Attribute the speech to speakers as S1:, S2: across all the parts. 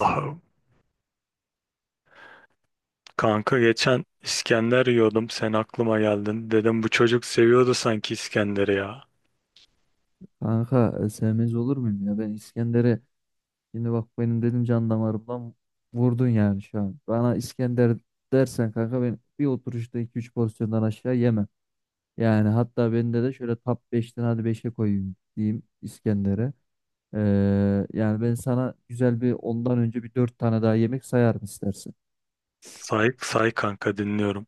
S1: Allah'ım. Kanka geçen İskender yiyordum. Sen aklıma geldin. Dedim bu çocuk seviyordu sanki İskender'i ya.
S2: Kanka sevmez olur muyum ya? Ben İskender'e şimdi bak benim dedim can damarımdan vurdun yani şu an. Bana İskender dersen kanka ben bir oturuşta iki üç pozisyondan aşağı yemem. Yani hatta bende de şöyle top beşten hadi beşe koyayım diyeyim İskender'e. Yani ben sana güzel bir ondan önce bir 4 tane daha yemek sayarım istersen.
S1: Say, say kanka dinliyorum.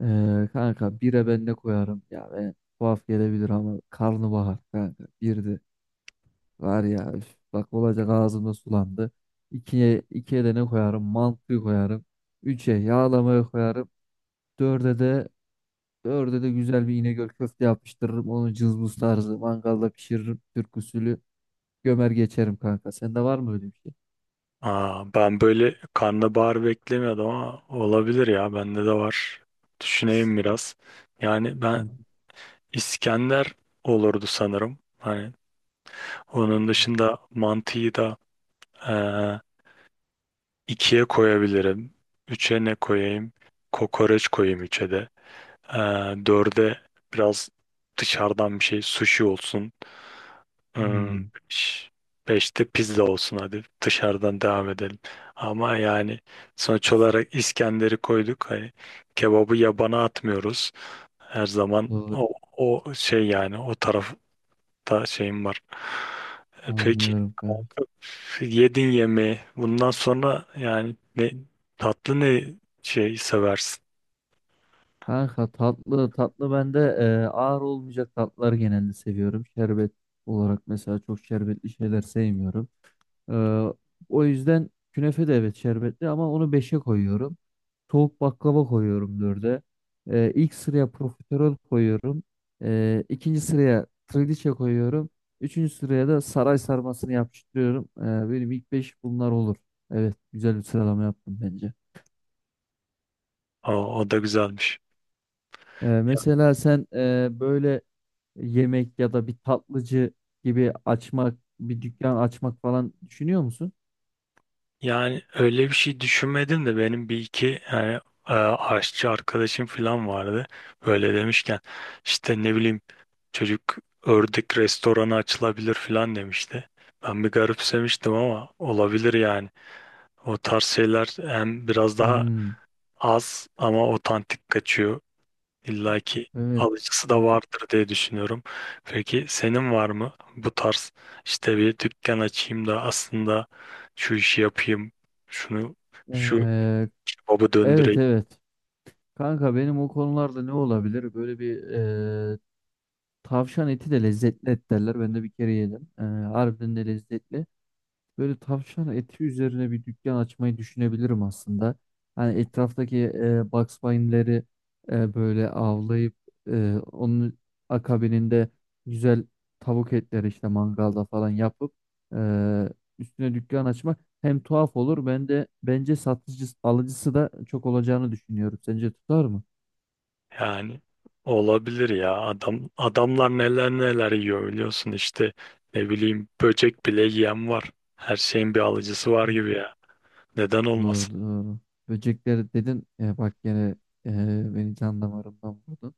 S2: Kanka 1'e ben ne koyarım? Ya ben tuhaf gelebilir ama karnabahar kanka 1'di. Var ya üf, bak olacak ağzımda sulandı. İkiye de ne koyarım? Mantı koyarım. Üçe yağlamayı koyarım. Dörde de dörde de güzel bir İnegöl köfte yapıştırırım. Onu cızbız tarzı mangalda pişiririm. Türk usulü gömer geçerim kanka. Sende var mı öyle bir şey?
S1: Aa, ben böyle karnabahar beklemiyordum ama olabilir ya. Bende de var. Düşüneyim biraz. Yani ben
S2: Tamam.
S1: İskender olurdu sanırım. Hani onun dışında mantıyı da İkiye koyabilirim. Üçe ne koyayım? Kokoreç koyayım üçe de. Ee, Dörde biraz dışarıdan bir şey sushi olsun. Hmm,
S2: Hmm,
S1: ş- Beşte pizza olsun, hadi dışarıdan devam edelim. Ama yani sonuç olarak İskender'i koyduk. Hani kebabı yabana atmıyoruz. Her zaman
S2: doğru
S1: o, o şey yani o tarafı. Hatta şeyim var. E, peki
S2: anlıyorum kanka.
S1: kalkıp yedin yemeği. Bundan sonra yani ne, tatlı ne şey seversin?
S2: Kanka tatlı tatlı ben de ağır olmayacak tatlılar genelde seviyorum. Şerbet olarak mesela çok şerbetli şeyler sevmiyorum. Ee, o yüzden künefe de evet şerbetli ama onu beşe koyuyorum. Soğuk baklava koyuyorum dörde, ilk sıraya profiterol koyuyorum. İkinci sıraya trileçe koyuyorum. Üçüncü sıraya da saray sarmasını yapıştırıyorum. Benim ilk 5 bunlar olur. Evet güzel bir sıralama yaptım bence.
S1: O, o da güzelmiş.
S2: Mesela sen böyle yemek ya da bir tatlıcı gibi açmak, bir dükkan açmak falan düşünüyor musun?
S1: Yani öyle bir şey düşünmedim de benim bir iki yani aşçı arkadaşım falan vardı. Böyle demişken işte ne bileyim çocuk ördek restoranı açılabilir falan demişti. Ben bir garipsemiştim ama olabilir yani. O tarz şeyler hem biraz daha
S2: Hmm,
S1: az ama otantik kaçıyor. İlla ki
S2: evet.
S1: alıcısı da
S2: Evet.
S1: vardır diye düşünüyorum. Peki senin var mı bu tarz işte bir dükkan açayım da aslında şu işi yapayım, şunu şu
S2: Ee,
S1: kebabı
S2: evet
S1: döndüreyim.
S2: evet. Kanka benim o konularda ne olabilir? Böyle bir e, tavşan eti de lezzetli et derler. Ben de bir kere yedim. Harbiden de lezzetli. Böyle tavşan eti üzerine bir dükkan açmayı düşünebilirim aslında. Hani etraftaki Bugs Bunny'leri böyle avlayıp onun akabininde güzel tavuk etleri işte mangalda falan yapıp e, üstüne dükkan açmak hem tuhaf olur ben de bence satıcısı alıcısı da çok olacağını düşünüyorum. Sence tutar mı?
S1: Yani olabilir ya, adam adamlar neler neler yiyor biliyorsun işte ne bileyim böcek bile yiyen var. Her şeyin bir alıcısı var gibi ya. Neden
S2: Doğru
S1: olmasın?
S2: doğru. Böcekleri dedin ya bak gene beni can damarımdan vurdun.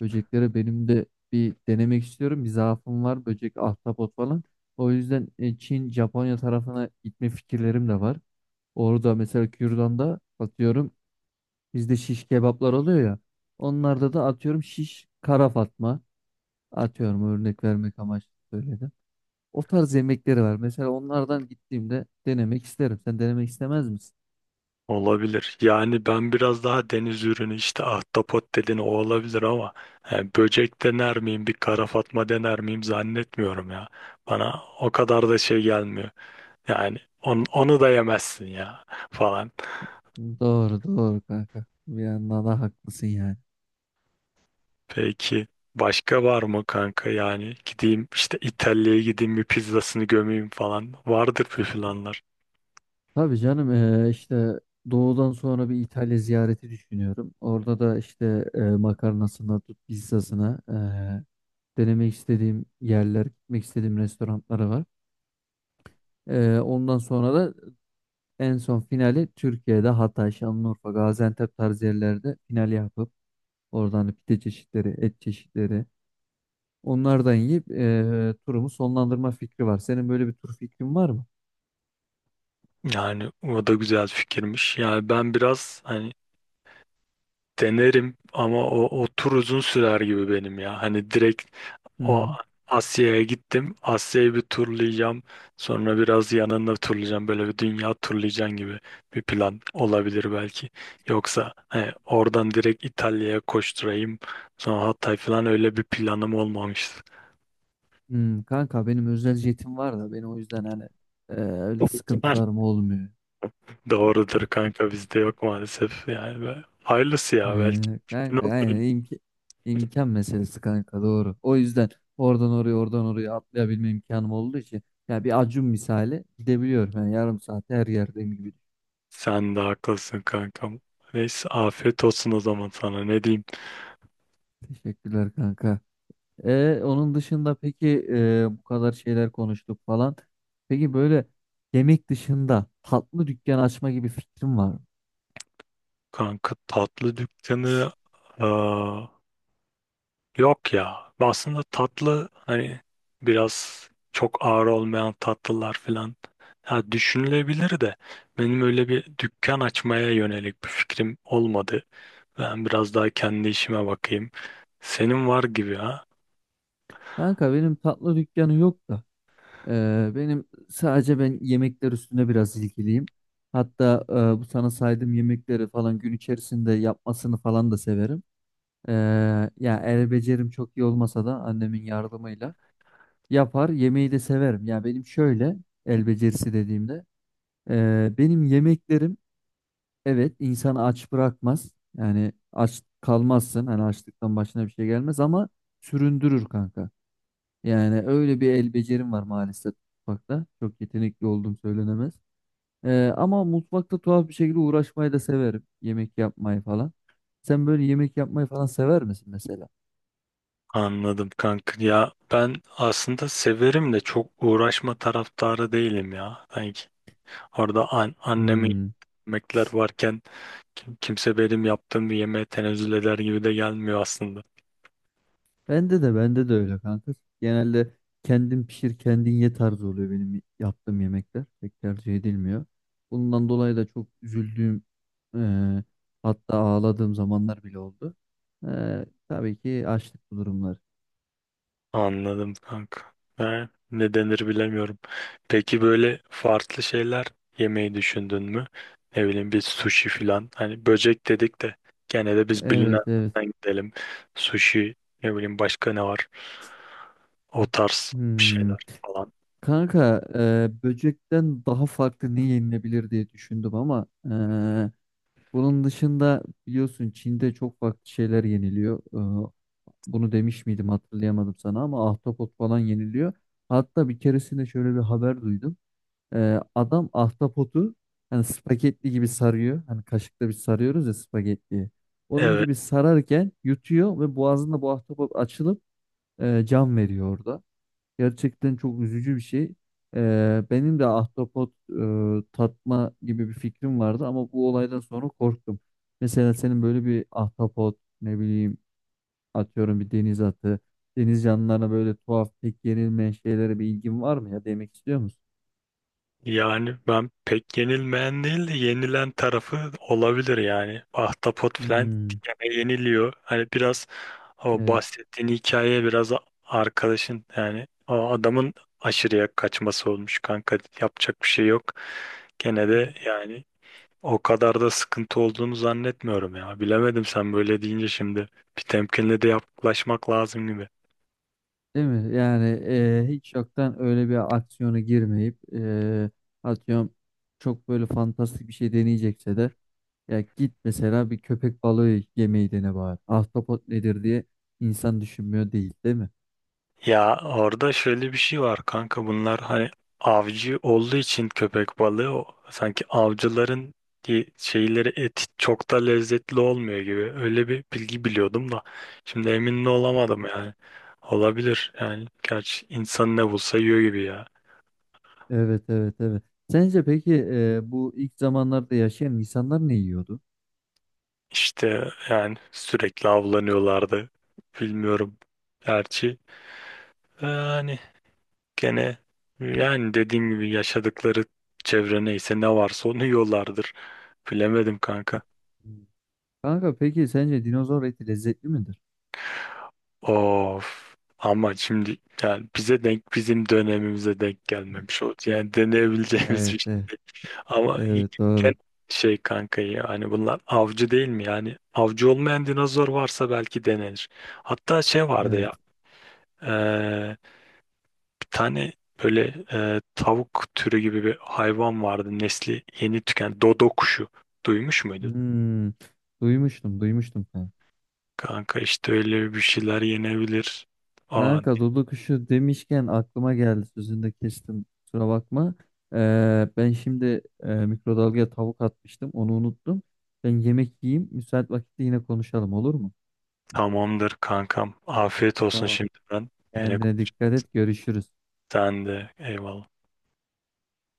S2: Böcekleri benim de bir denemek istiyorum. Bir zaafım var böcek ahtapot falan. O yüzden Çin Japonya tarafına gitme fikirlerim de var. Orada mesela Kürdan'da atıyorum bizde şiş kebaplar oluyor ya. Onlarda da atıyorum şiş kara fatma. Atıyorum örnek vermek amaçlı söyledim. O tarz yemekleri var. Mesela onlardan gittiğimde denemek isterim. Sen denemek istemez misin?
S1: Olabilir. Yani ben biraz daha deniz ürünü işte ahtapot dedin o olabilir ama yani böcek dener miyim, bir kara fatma dener miyim zannetmiyorum ya. Bana o kadar da şey gelmiyor. Yani onu da yemezsin ya falan.
S2: Doğru doğru kanka. Bir yandan da haklısın yani.
S1: Peki başka var mı kanka? Yani gideyim işte İtalya'ya gideyim bir pizzasını gömeyim falan. Vardır bir planlar.
S2: Tabii canım işte doğudan sonra bir İtalya ziyareti düşünüyorum. Orada da işte makarnasına tut pizzasına denemek istediğim yerler, gitmek istediğim restoranları var. Ondan sonra da en son finali Türkiye'de Hatay, Şanlıurfa, Gaziantep tarzı yerlerde final yapıp oradan hani pide çeşitleri, et çeşitleri onlardan yiyip turumu sonlandırma fikri var. Senin böyle bir tur fikrin var mı?
S1: Yani o da güzel fikirmiş. Yani ben biraz hani denerim ama o, o tur uzun sürer gibi benim ya. Hani direkt o
S2: Hı
S1: Asya'ya gittim. Asya'yı bir turlayacağım. Sonra biraz yanında turlayacağım. Böyle bir dünya turlayacaksın gibi bir plan olabilir belki. Yoksa hani oradan direkt İtalya'ya koşturayım. Sonra Hatay falan öyle bir planım olmamıştı.
S2: Kanka benim özel jetim var da benim o yüzden hani öyle sıkıntılarım olmuyor.
S1: Doğrudur kanka, bizde yok maalesef. Yani hayırlısı ya belki.
S2: Kanka aynen imkan meselesi kanka doğru. O yüzden oradan oraya oradan oraya atlayabilme imkanım olduğu için ya bir Acun misali gidebiliyorum. Yani yarım saat her yerdeyim gibi.
S1: Sen de haklısın kankam. Neyse afiyet olsun o zaman, sana ne diyeyim.
S2: Teşekkürler kanka. Onun dışında peki bu kadar şeyler konuştuk falan. Peki böyle yemek dışında tatlı dükkan açma gibi fikrim var mı?
S1: Kanka tatlı dükkanı, aa, yok ya. Aslında tatlı hani biraz çok ağır olmayan tatlılar falan ya düşünülebilir de benim öyle bir dükkan açmaya yönelik bir fikrim olmadı. Ben biraz daha kendi işime bakayım. Senin var gibi ha.
S2: Kanka benim tatlı dükkanı yok da. Benim sadece ben yemekler üstüne biraz ilgiliyim. Hatta bu sana saydığım yemekleri falan gün içerisinde yapmasını falan da severim. Ee, ya el becerim çok iyi olmasa da annemin yardımıyla yapar. Yemeği de severim. Ya benim şöyle el becerisi dediğimde benim yemeklerim evet insanı aç bırakmaz. Yani aç kalmazsın. Hani açlıktan başına bir şey gelmez ama süründürür kanka. Yani öyle bir el becerim var maalesef mutfakta. Çok yetenekli olduğum söylenemez. Ama mutfakta tuhaf bir şekilde uğraşmayı da severim. Yemek yapmayı falan. Sen böyle yemek yapmayı falan sever misin mesela?
S1: Anladım kanka. Ya ben aslında severim de çok uğraşma taraftarı değilim ya. Sanki orada annemin
S2: Hmm.
S1: yemekler varken kimse benim yaptığım bir yemeğe tenezzül eder gibi de gelmiyor aslında.
S2: Bende de öyle kanka. Genelde kendin pişir kendin ye tarzı oluyor benim yaptığım yemekler. Pek tercih edilmiyor. Bundan dolayı da çok üzüldüğüm e, hatta ağladığım zamanlar bile oldu. Tabii ki açlık bu durumlar.
S1: Anladım kanka. Ha, ne denir bilemiyorum. Peki böyle farklı şeyler yemeyi düşündün mü? Ne bileyim bir sushi filan. Hani böcek dedik de gene de biz
S2: Evet evet.
S1: bilinenlerden gidelim. Sushi, ne bileyim başka ne var? O tarz bir
S2: Hmm.
S1: şeyler falan.
S2: Kanka böcekten daha farklı ne yenilebilir diye düşündüm ama bunun dışında biliyorsun Çin'de çok farklı şeyler yeniliyor. E, bunu demiş miydim hatırlayamadım sana ama ahtapot falan yeniliyor. Hatta bir keresinde şöyle bir haber duydum. Adam ahtapotu hani spagetti gibi sarıyor. Hani kaşıkla bir sarıyoruz ya spagettiyi. Onun
S1: Evet.
S2: gibi sararken yutuyor ve boğazında bu ahtapot açılıp can veriyor orada. Gerçekten çok üzücü bir şey. Benim de ahtapot tatma gibi bir fikrim vardı ama bu olaydan sonra korktum. Mesela senin böyle bir ahtapot ne bileyim atıyorum bir deniz atı, deniz canlılarına böyle tuhaf pek yenilmeyen şeylere bir ilgin var mı ya demek istiyor musun?
S1: Yani ben pek yenilmeyen değil de yenilen tarafı olabilir yani. Ahtapot filan
S2: Hmm,
S1: gene yeniliyor. Hani biraz, o
S2: evet.
S1: bahsettiğin hikaye biraz arkadaşın yani o adamın aşırıya kaçması olmuş kanka, yapacak bir şey yok. Gene de yani o kadar da sıkıntı olduğunu zannetmiyorum ya. Bilemedim, sen böyle deyince şimdi bir temkinle de yaklaşmak lazım gibi.
S2: Değil mi? Yani hiç yoktan öyle bir aksiyona girmeyip atıyorum çok böyle fantastik bir şey deneyecekse de ya git mesela bir köpek balığı yemeği dene bari. Ahtapot nedir diye insan düşünmüyor değil, değil mi?
S1: Ya orada şöyle bir şey var kanka, bunlar hani avcı olduğu için köpek balığı o, sanki avcıların şeyleri, eti çok da lezzetli olmuyor gibi öyle bir bilgi biliyordum da şimdi emin de olamadım yani. Olabilir yani, gerçi insan ne bulsa yiyor gibi ya.
S2: Evet, evet, evet. Sence peki bu ilk zamanlarda yaşayan insanlar ne yiyordu?
S1: İşte yani sürekli avlanıyorlardı, bilmiyorum gerçi. Yani gene yani dediğim gibi yaşadıkları çevre neyse ne varsa onu yiyorlardır. Bilemedim kanka.
S2: Hmm. Kanka peki sence dinozor eti lezzetli midir?
S1: Of. Ama şimdi yani bize denk, bizim dönemimize denk gelmemiş oldu. Yani deneyebileceğimiz
S2: Evet,
S1: bir şey.
S2: evet,
S1: Ama
S2: evet doğru.
S1: gen- şey kanka ya, hani bunlar avcı değil mi? Yani avcı olmayan dinozor varsa belki denenir. Hatta şey vardı
S2: Evet.
S1: ya, eee, bir tane böyle tavuk türü gibi bir hayvan vardı. Nesli yeni tüken dodo kuşu. Duymuş muydun?
S2: Hmm, duymuştum, duymuştum kanka.
S1: Kanka işte öyle bir şeyler yenebilir. Aa,
S2: Kanka Dudu kuşu demişken aklıma geldi sözünü de kestim kusura bakma. Ben şimdi mikrodalgaya tavuk atmıştım onu unuttum. Ben yemek yiyeyim müsait vakitte yine konuşalım olur mu?
S1: tamamdır kankam. Afiyet olsun
S2: Tamam.
S1: şimdiden. Yine
S2: Kendine
S1: konuş.
S2: dikkat et görüşürüz.
S1: Sen de eyvallah.